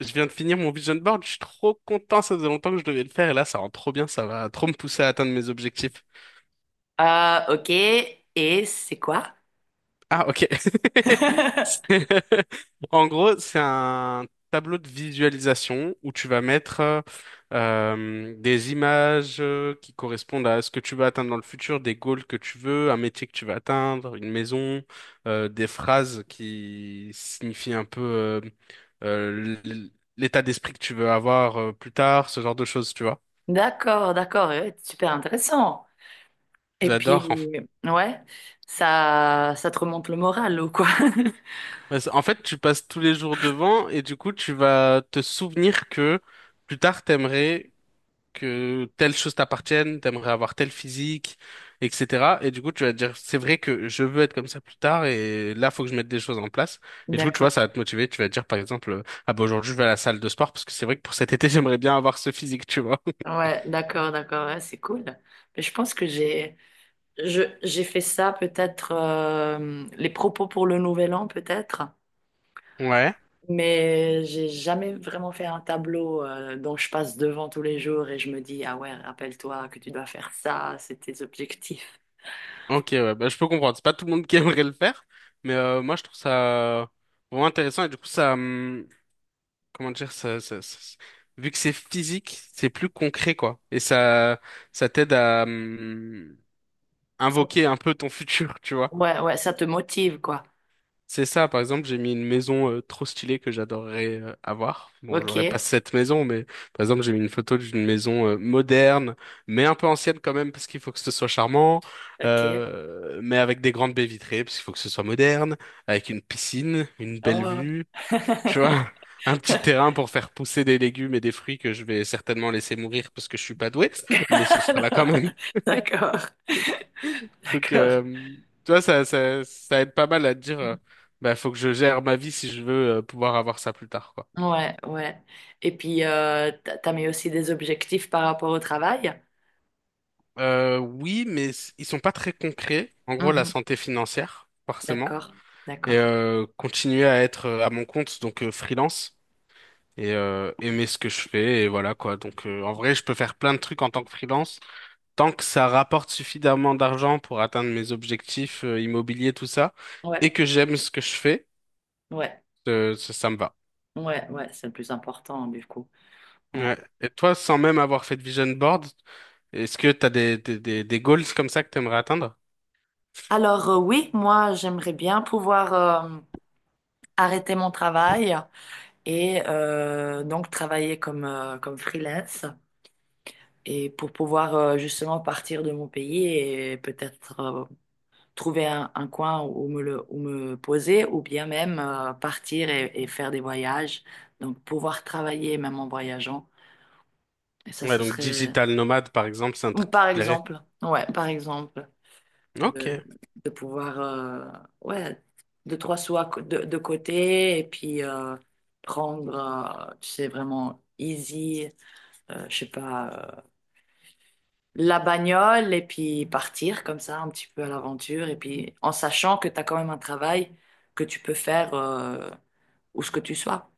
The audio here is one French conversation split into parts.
Je viens de finir mon vision board, je suis trop content, ça faisait longtemps que je devais le faire et là ça rend trop bien, ça va trop me pousser à atteindre mes objectifs. Ah, ok. Et c'est quoi? Ah ok. C'est- En gros, c'est un tableau de visualisation où tu vas mettre des images qui correspondent à ce que tu veux atteindre dans le futur, des goals que tu veux, un métier que tu veux atteindre, une maison, des phrases qui signifient un peu euh, l- l'état d'esprit que tu veux avoir plus tard, ce genre de choses, tu vois. D'accord, d'accord. Ouais, super intéressant. Et J'adore. puis, ouais, ça te remonte le moral ou quoi? En fait, tu passes tous les jours devant et du coup, tu vas te souvenir que plus tard, t'aimerais que telle chose t'appartienne, t'aimerais avoir tel physique, etc. Et du coup, tu vas te dire, c'est vrai que je veux être comme ça plus tard et là, faut que je mette des choses en place. Et du coup, tu vois, ça D'accord. va te motiver. Tu vas te dire, par exemple, ah bah aujourd'hui, je vais à la salle de sport parce que c'est vrai que pour cet été, j'aimerais bien avoir ce physique, tu vois. Ouais, d'accord, d'accord. Ouais, c'est cool. Mais je pense que j'ai fait ça peut-être les propos pour le nouvel an peut-être. Ouais, Mais j'ai jamais vraiment fait un tableau dont je passe devant tous les jours et je me dis, ah ouais, rappelle-toi que tu dois faire ça, c'est tes objectifs. ok, ouais, bah, je peux comprendre. C'est pas tout le monde qui aimerait le faire, mais moi je trouve ça vraiment intéressant et du coup ça, comment dire, vu que c'est physique, c'est plus concret, quoi. Et ça t'aide à invoquer un peu ton futur, tu vois. Ouais, ouais, ça te motive, quoi. C'est ça, par exemple, j'ai mis une maison trop stylée que j'adorerais avoir. Bon, Ok, j'aurais pas cette maison, mais par exemple, j'ai mis une photo d'une maison moderne, mais un peu ancienne quand même, parce qu'il faut que ce soit charmant, ok. Mais avec des grandes baies vitrées, parce qu'il faut que ce soit moderne, avec une piscine, une belle Oh. vue. Tu vois, un petit terrain pour faire pousser des légumes et des fruits que je vais certainement laisser mourir parce que je suis pas doué, mais ce sera là quand Alors, même. d'accord, Donc, d'accord. Tu vois, ça aide pas mal à te dire, bah, faut que je gère ma vie si je veux pouvoir avoir ça plus tard, quoi. Ouais, ouais. Et puis, t'as mis aussi des objectifs par rapport au travail? Oui, mais ils sont pas très concrets. En gros, la Mhm. santé financière, forcément, D'accord, et d'accord. Continuer à être à mon compte, donc freelance, et aimer ce que je fais, et voilà, quoi. Donc, en vrai, je peux faire plein de trucs en tant que freelance. Tant que ça rapporte suffisamment d'argent pour atteindre mes objectifs immobiliers, tout ça, et Ouais, que j'aime ce que je fais, ouais, ça, ça me va. ouais, ouais, c'est le plus important, du coup. Ouais. Ouais. Et toi, sans même avoir fait de vision board, est-ce que t'as des, goals comme ça que t'aimerais atteindre? Alors, oui, moi, j'aimerais bien pouvoir euh, arrêter mon travail et donc travailler comme, comme freelance. Et pour pouvoir justement partir de mon pays et peut-être trouver un coin où me poser ou bien même partir et faire des voyages. Donc pouvoir travailler même en voyageant. Et ça, Ouais, ce donc serait, digital nomade, par exemple, c'est un ou truc qui te par plairait. exemple, ouais, par exemple, de, Ok. de pouvoir, ouais, deux, trois sous de côté et puis prendre, tu sais, vraiment easy, je sais pas. La bagnole et puis partir comme ça un petit peu à l'aventure et puis en sachant que tu as quand même un travail que tu peux faire où ce que tu sois.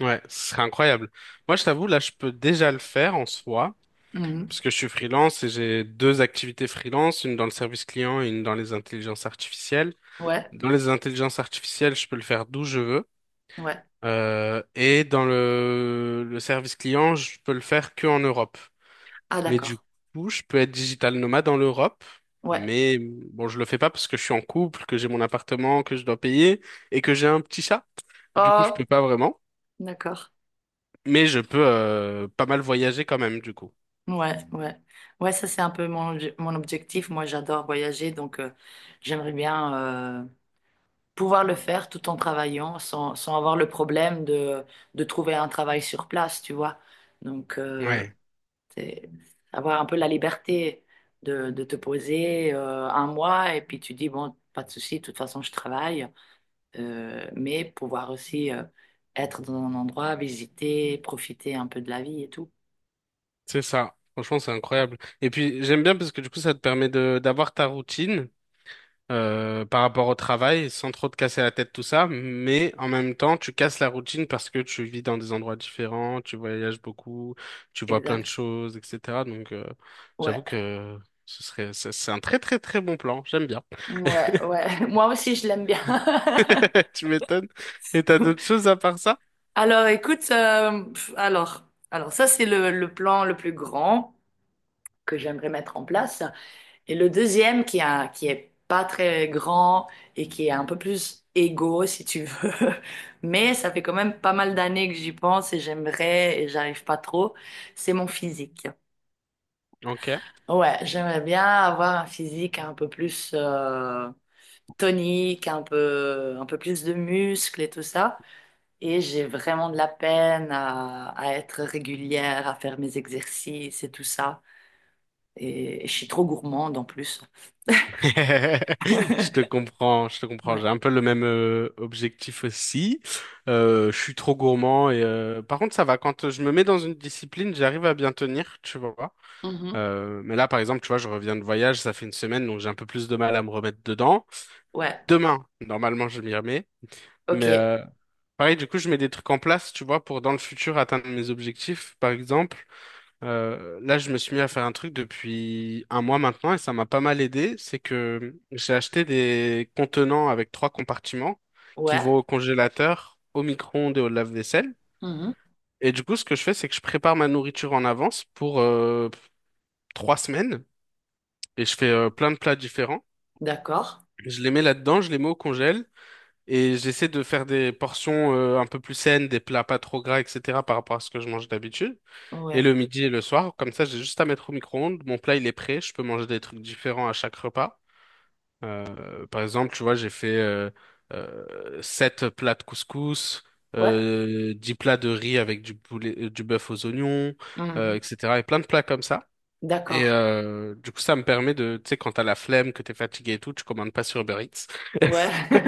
Ouais, ce serait incroyable. Moi, je t'avoue, là, je peux déjà le faire en soi, Mhm. parce que je suis freelance et j'ai deux activités freelance, une dans le service client et une dans les intelligences artificielles. Ouais, Dans les intelligences artificielles, je peux le faire d'où je veux. ouais. Et dans le service client, je peux le faire que en Europe. Ah, Mais du d'accord. coup, je peux être digital nomade en Europe. Ouais. Mais bon, je le fais pas parce que je suis en couple, que j'ai mon appartement, que je dois payer et que j'ai un petit chat. Du coup, je peux Oh, pas vraiment. d'accord. Mais je peux pas mal voyager quand même, du coup. Ouais, ouais. Ouais, ça c'est un peu mon objectif. Moi j'adore voyager donc j'aimerais bien euh, pouvoir le faire tout en travaillant sans avoir le problème de trouver un travail sur place, tu vois. Donc, Ouais, c'est avoir un peu la liberté de te poser un mois et puis tu dis, bon, pas de souci, de toute façon, je travaille. Mais pouvoir aussi être dans un endroit, visiter, profiter un peu de la vie et tout. c'est ça. Franchement, c'est incroyable. Et puis, j'aime bien parce que du coup, ça te permet de d'avoir ta routine par rapport au travail, sans trop te casser la tête, tout ça, mais en même temps, tu casses la routine parce que tu vis dans des endroits différents, tu voyages beaucoup, tu vois plein de Exact. choses, etc. Donc, j'avoue Ouais. que ce serait, c'est un très très très bon plan, j'aime bien. Ouais, ouais. Moi aussi, je l'aime bien. Tu m'étonnes. Et t'as d'autres choses à part ça? Alors, écoute, alors ça, c'est le plan le plus grand que j'aimerais mettre en place. Et le deuxième, qui est pas très grand et qui est un peu plus égo, si tu veux. Mais ça fait quand même pas mal d'années que j'y pense et j'aimerais, et j'arrive pas trop, c'est mon physique. Ok. Ouais, j'aimerais bien avoir un physique un peu plus tonique, un peu plus de muscles et tout ça. Et j'ai vraiment de la peine à être régulière, à faire mes exercices et tout ça. Et je suis trop gourmande en plus. Je te comprends, je te comprends. J'ai Ouais. un peu le même objectif aussi. Je suis trop gourmand et par contre ça va. Quand je me mets dans une discipline, j'arrive à bien tenir, tu vois. Mhm. Mais là, par exemple, tu vois, je reviens de voyage, ça fait une semaine, donc j'ai un peu plus de mal à me remettre dedans. Ouais. Demain, normalement, je m'y remets. Ok. Mais pareil, du coup, je mets des trucs en place, tu vois, pour dans le futur atteindre mes objectifs. Par exemple, là, je me suis mis à faire un truc depuis un mois maintenant et ça m'a pas mal aidé. C'est que j'ai acheté des contenants avec trois compartiments qui Ouais. vont au congélateur, au micro-ondes et au lave-vaisselle. Mhm. Et du coup, ce que je fais, c'est que je prépare ma nourriture en avance pour 3 semaines. Et je fais plein de plats différents. D'accord. Je les mets là-dedans, je les mets au congèle et j'essaie de faire des portions un peu plus saines, des plats pas trop gras, etc. par rapport à ce que je mange d'habitude. Et Ouais. le midi et le soir, comme ça, j'ai juste à mettre au micro-ondes. Mon plat, il est prêt. Je peux manger des trucs différents à chaque repas. Par exemple, tu vois, j'ai fait 7 plats de couscous. Ouais. 10 plats de riz avec du poulet, du bœuf aux oignons, Mhm. etc. Et plein de plats comme ça. Et D'accord. Du coup, ça me permet de, tu sais, quand t'as la flemme, que t'es fatigué et tout, tu commandes pas sur Uber Eats. Ouais.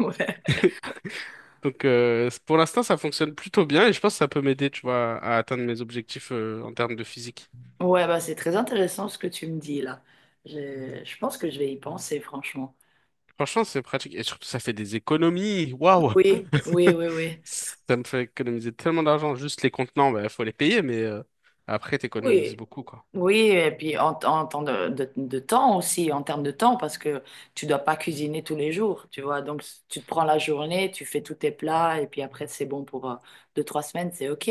Ouais. Donc, pour l'instant, ça fonctionne plutôt bien et je pense que ça peut m'aider, tu vois, à atteindre mes objectifs en termes de physique. Ouais, bah c'est très intéressant ce que tu me dis là. Je pense que je vais y penser, franchement. Franchement, c'est pratique et surtout, ça fait des économies. Waouh! Oui, oui, oui, oui. Ça me fait économiser tellement d'argent. Juste les contenants, bah, faut les payer, mais après, Oui, t'économises beaucoup, quoi. oui, et puis en temps de temps aussi, en termes de temps, parce que tu dois pas cuisiner tous les jours, tu vois. Donc, tu te prends la journée, tu fais tous tes plats, et puis après, c'est bon pour deux, trois semaines, c'est OK.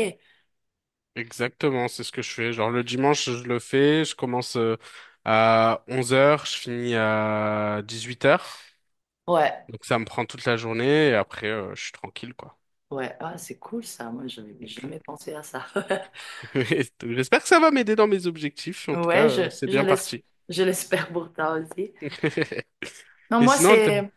Exactement, c'est ce que je fais. Genre, le dimanche, je le fais. Je commence à 11h, je finis à 18h. Ouais, Donc ça me prend toute la journée et après je suis tranquille quoi. ouais, ah, c'est cool ça. Moi, j'avais Donc, jamais pensé à ça. euh, donc, j'espère que ça va m'aider dans mes objectifs. En tout Ouais, cas, c'est bien parti. je l'espère pour toi aussi. Non, Et moi, sinon, c'est.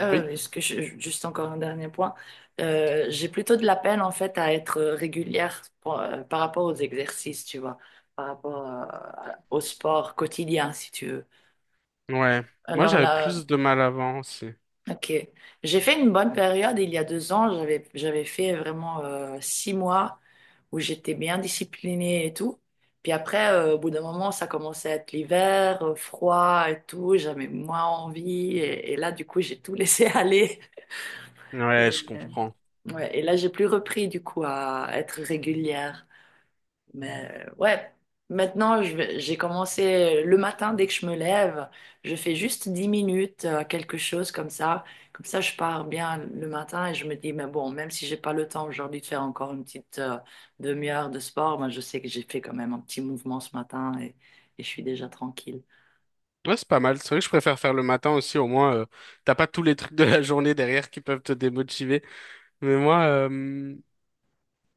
Oui, Est-ce que juste encore un dernier point. J'ai plutôt de la peine en fait à être régulière par rapport aux exercices, tu vois, par rapport au sport quotidien, si tu veux. ouais. Moi Alors j'avais là, plus de mal avant aussi. ok. J'ai fait une bonne période il y a 2 ans. J'avais fait vraiment 6 mois où j'étais bien disciplinée et tout. Puis après, au bout d'un moment, ça commençait à être l'hiver, froid et tout. J'avais moins envie et là, du coup, j'ai tout laissé Ouais, je aller. comprends. Ouais, et là, j'ai plus repris du coup à être régulière. Mais ouais, maintenant, j'ai commencé le matin dès que je me lève. Je fais juste 10 minutes, quelque chose comme ça. Comme ça, je pars bien le matin et je me dis, mais bon, même si j'ai pas le temps aujourd'hui de faire encore une petite demi-heure de sport, ben, je sais que j'ai fait quand même un petit mouvement ce matin et je suis déjà tranquille. Ouais, c'est pas mal. C'est vrai que je préfère faire le matin aussi. Au moins, t'as pas tous les trucs de la journée derrière qui peuvent te démotiver. Mais moi,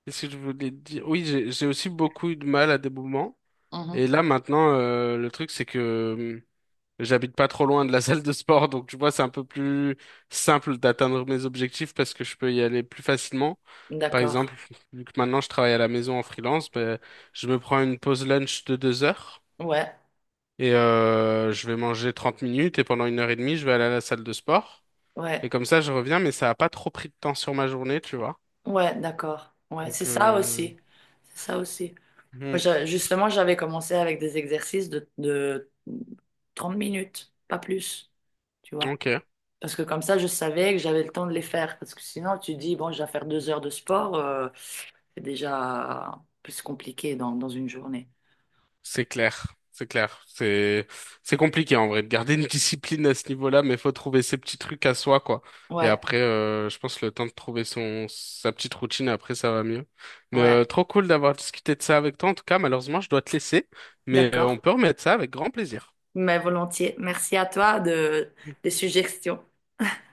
qu'est-ce que je voulais te dire? Oui, j'ai aussi beaucoup eu de mal à des moments. Et Mhm. là maintenant, le truc c'est que j'habite pas trop loin de la salle de sport, donc tu vois, c'est un peu plus simple d'atteindre mes objectifs parce que je peux y aller plus facilement. Par exemple, D'accord. vu que maintenant je travaille à la maison en freelance, ben, je me prends une pause lunch de 2 heures Ouais, et je vais manger 30 minutes et pendant une heure et demie, je vais aller à la salle de sport. ouais, Et comme ça, je reviens, mais ça a pas trop pris de temps sur ma journée, tu vois. ouais, d'accord. Ouais, c'est Donc, ça aussi. C'est ça aussi. Moi, hmm, justement, j'avais commencé avec des exercices de 30 minutes, pas plus, tu vois. ok. Parce que comme ça, je savais que j'avais le temps de les faire. Parce que sinon, tu dis, bon, je vais faire 2 heures de sport, c'est déjà plus compliqué dans une journée. C'est clair, c'est clair. C'est compliqué en vrai de garder une discipline à ce niveau-là, mais faut trouver ses petits trucs à soi, quoi. Et Ouais, après, je pense le temps de trouver son sa petite routine, après ça va mieux. Mais ouais, trop cool d'avoir discuté de ça avec toi. En tout cas, malheureusement, je dois te laisser, mais on d'accord. peut remettre ça avec grand plaisir. Mais volontiers. Merci à toi des suggestions.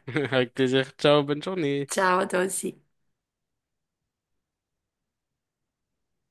Avec plaisir. Ciao, bonne journée. Ciao, à toi aussi.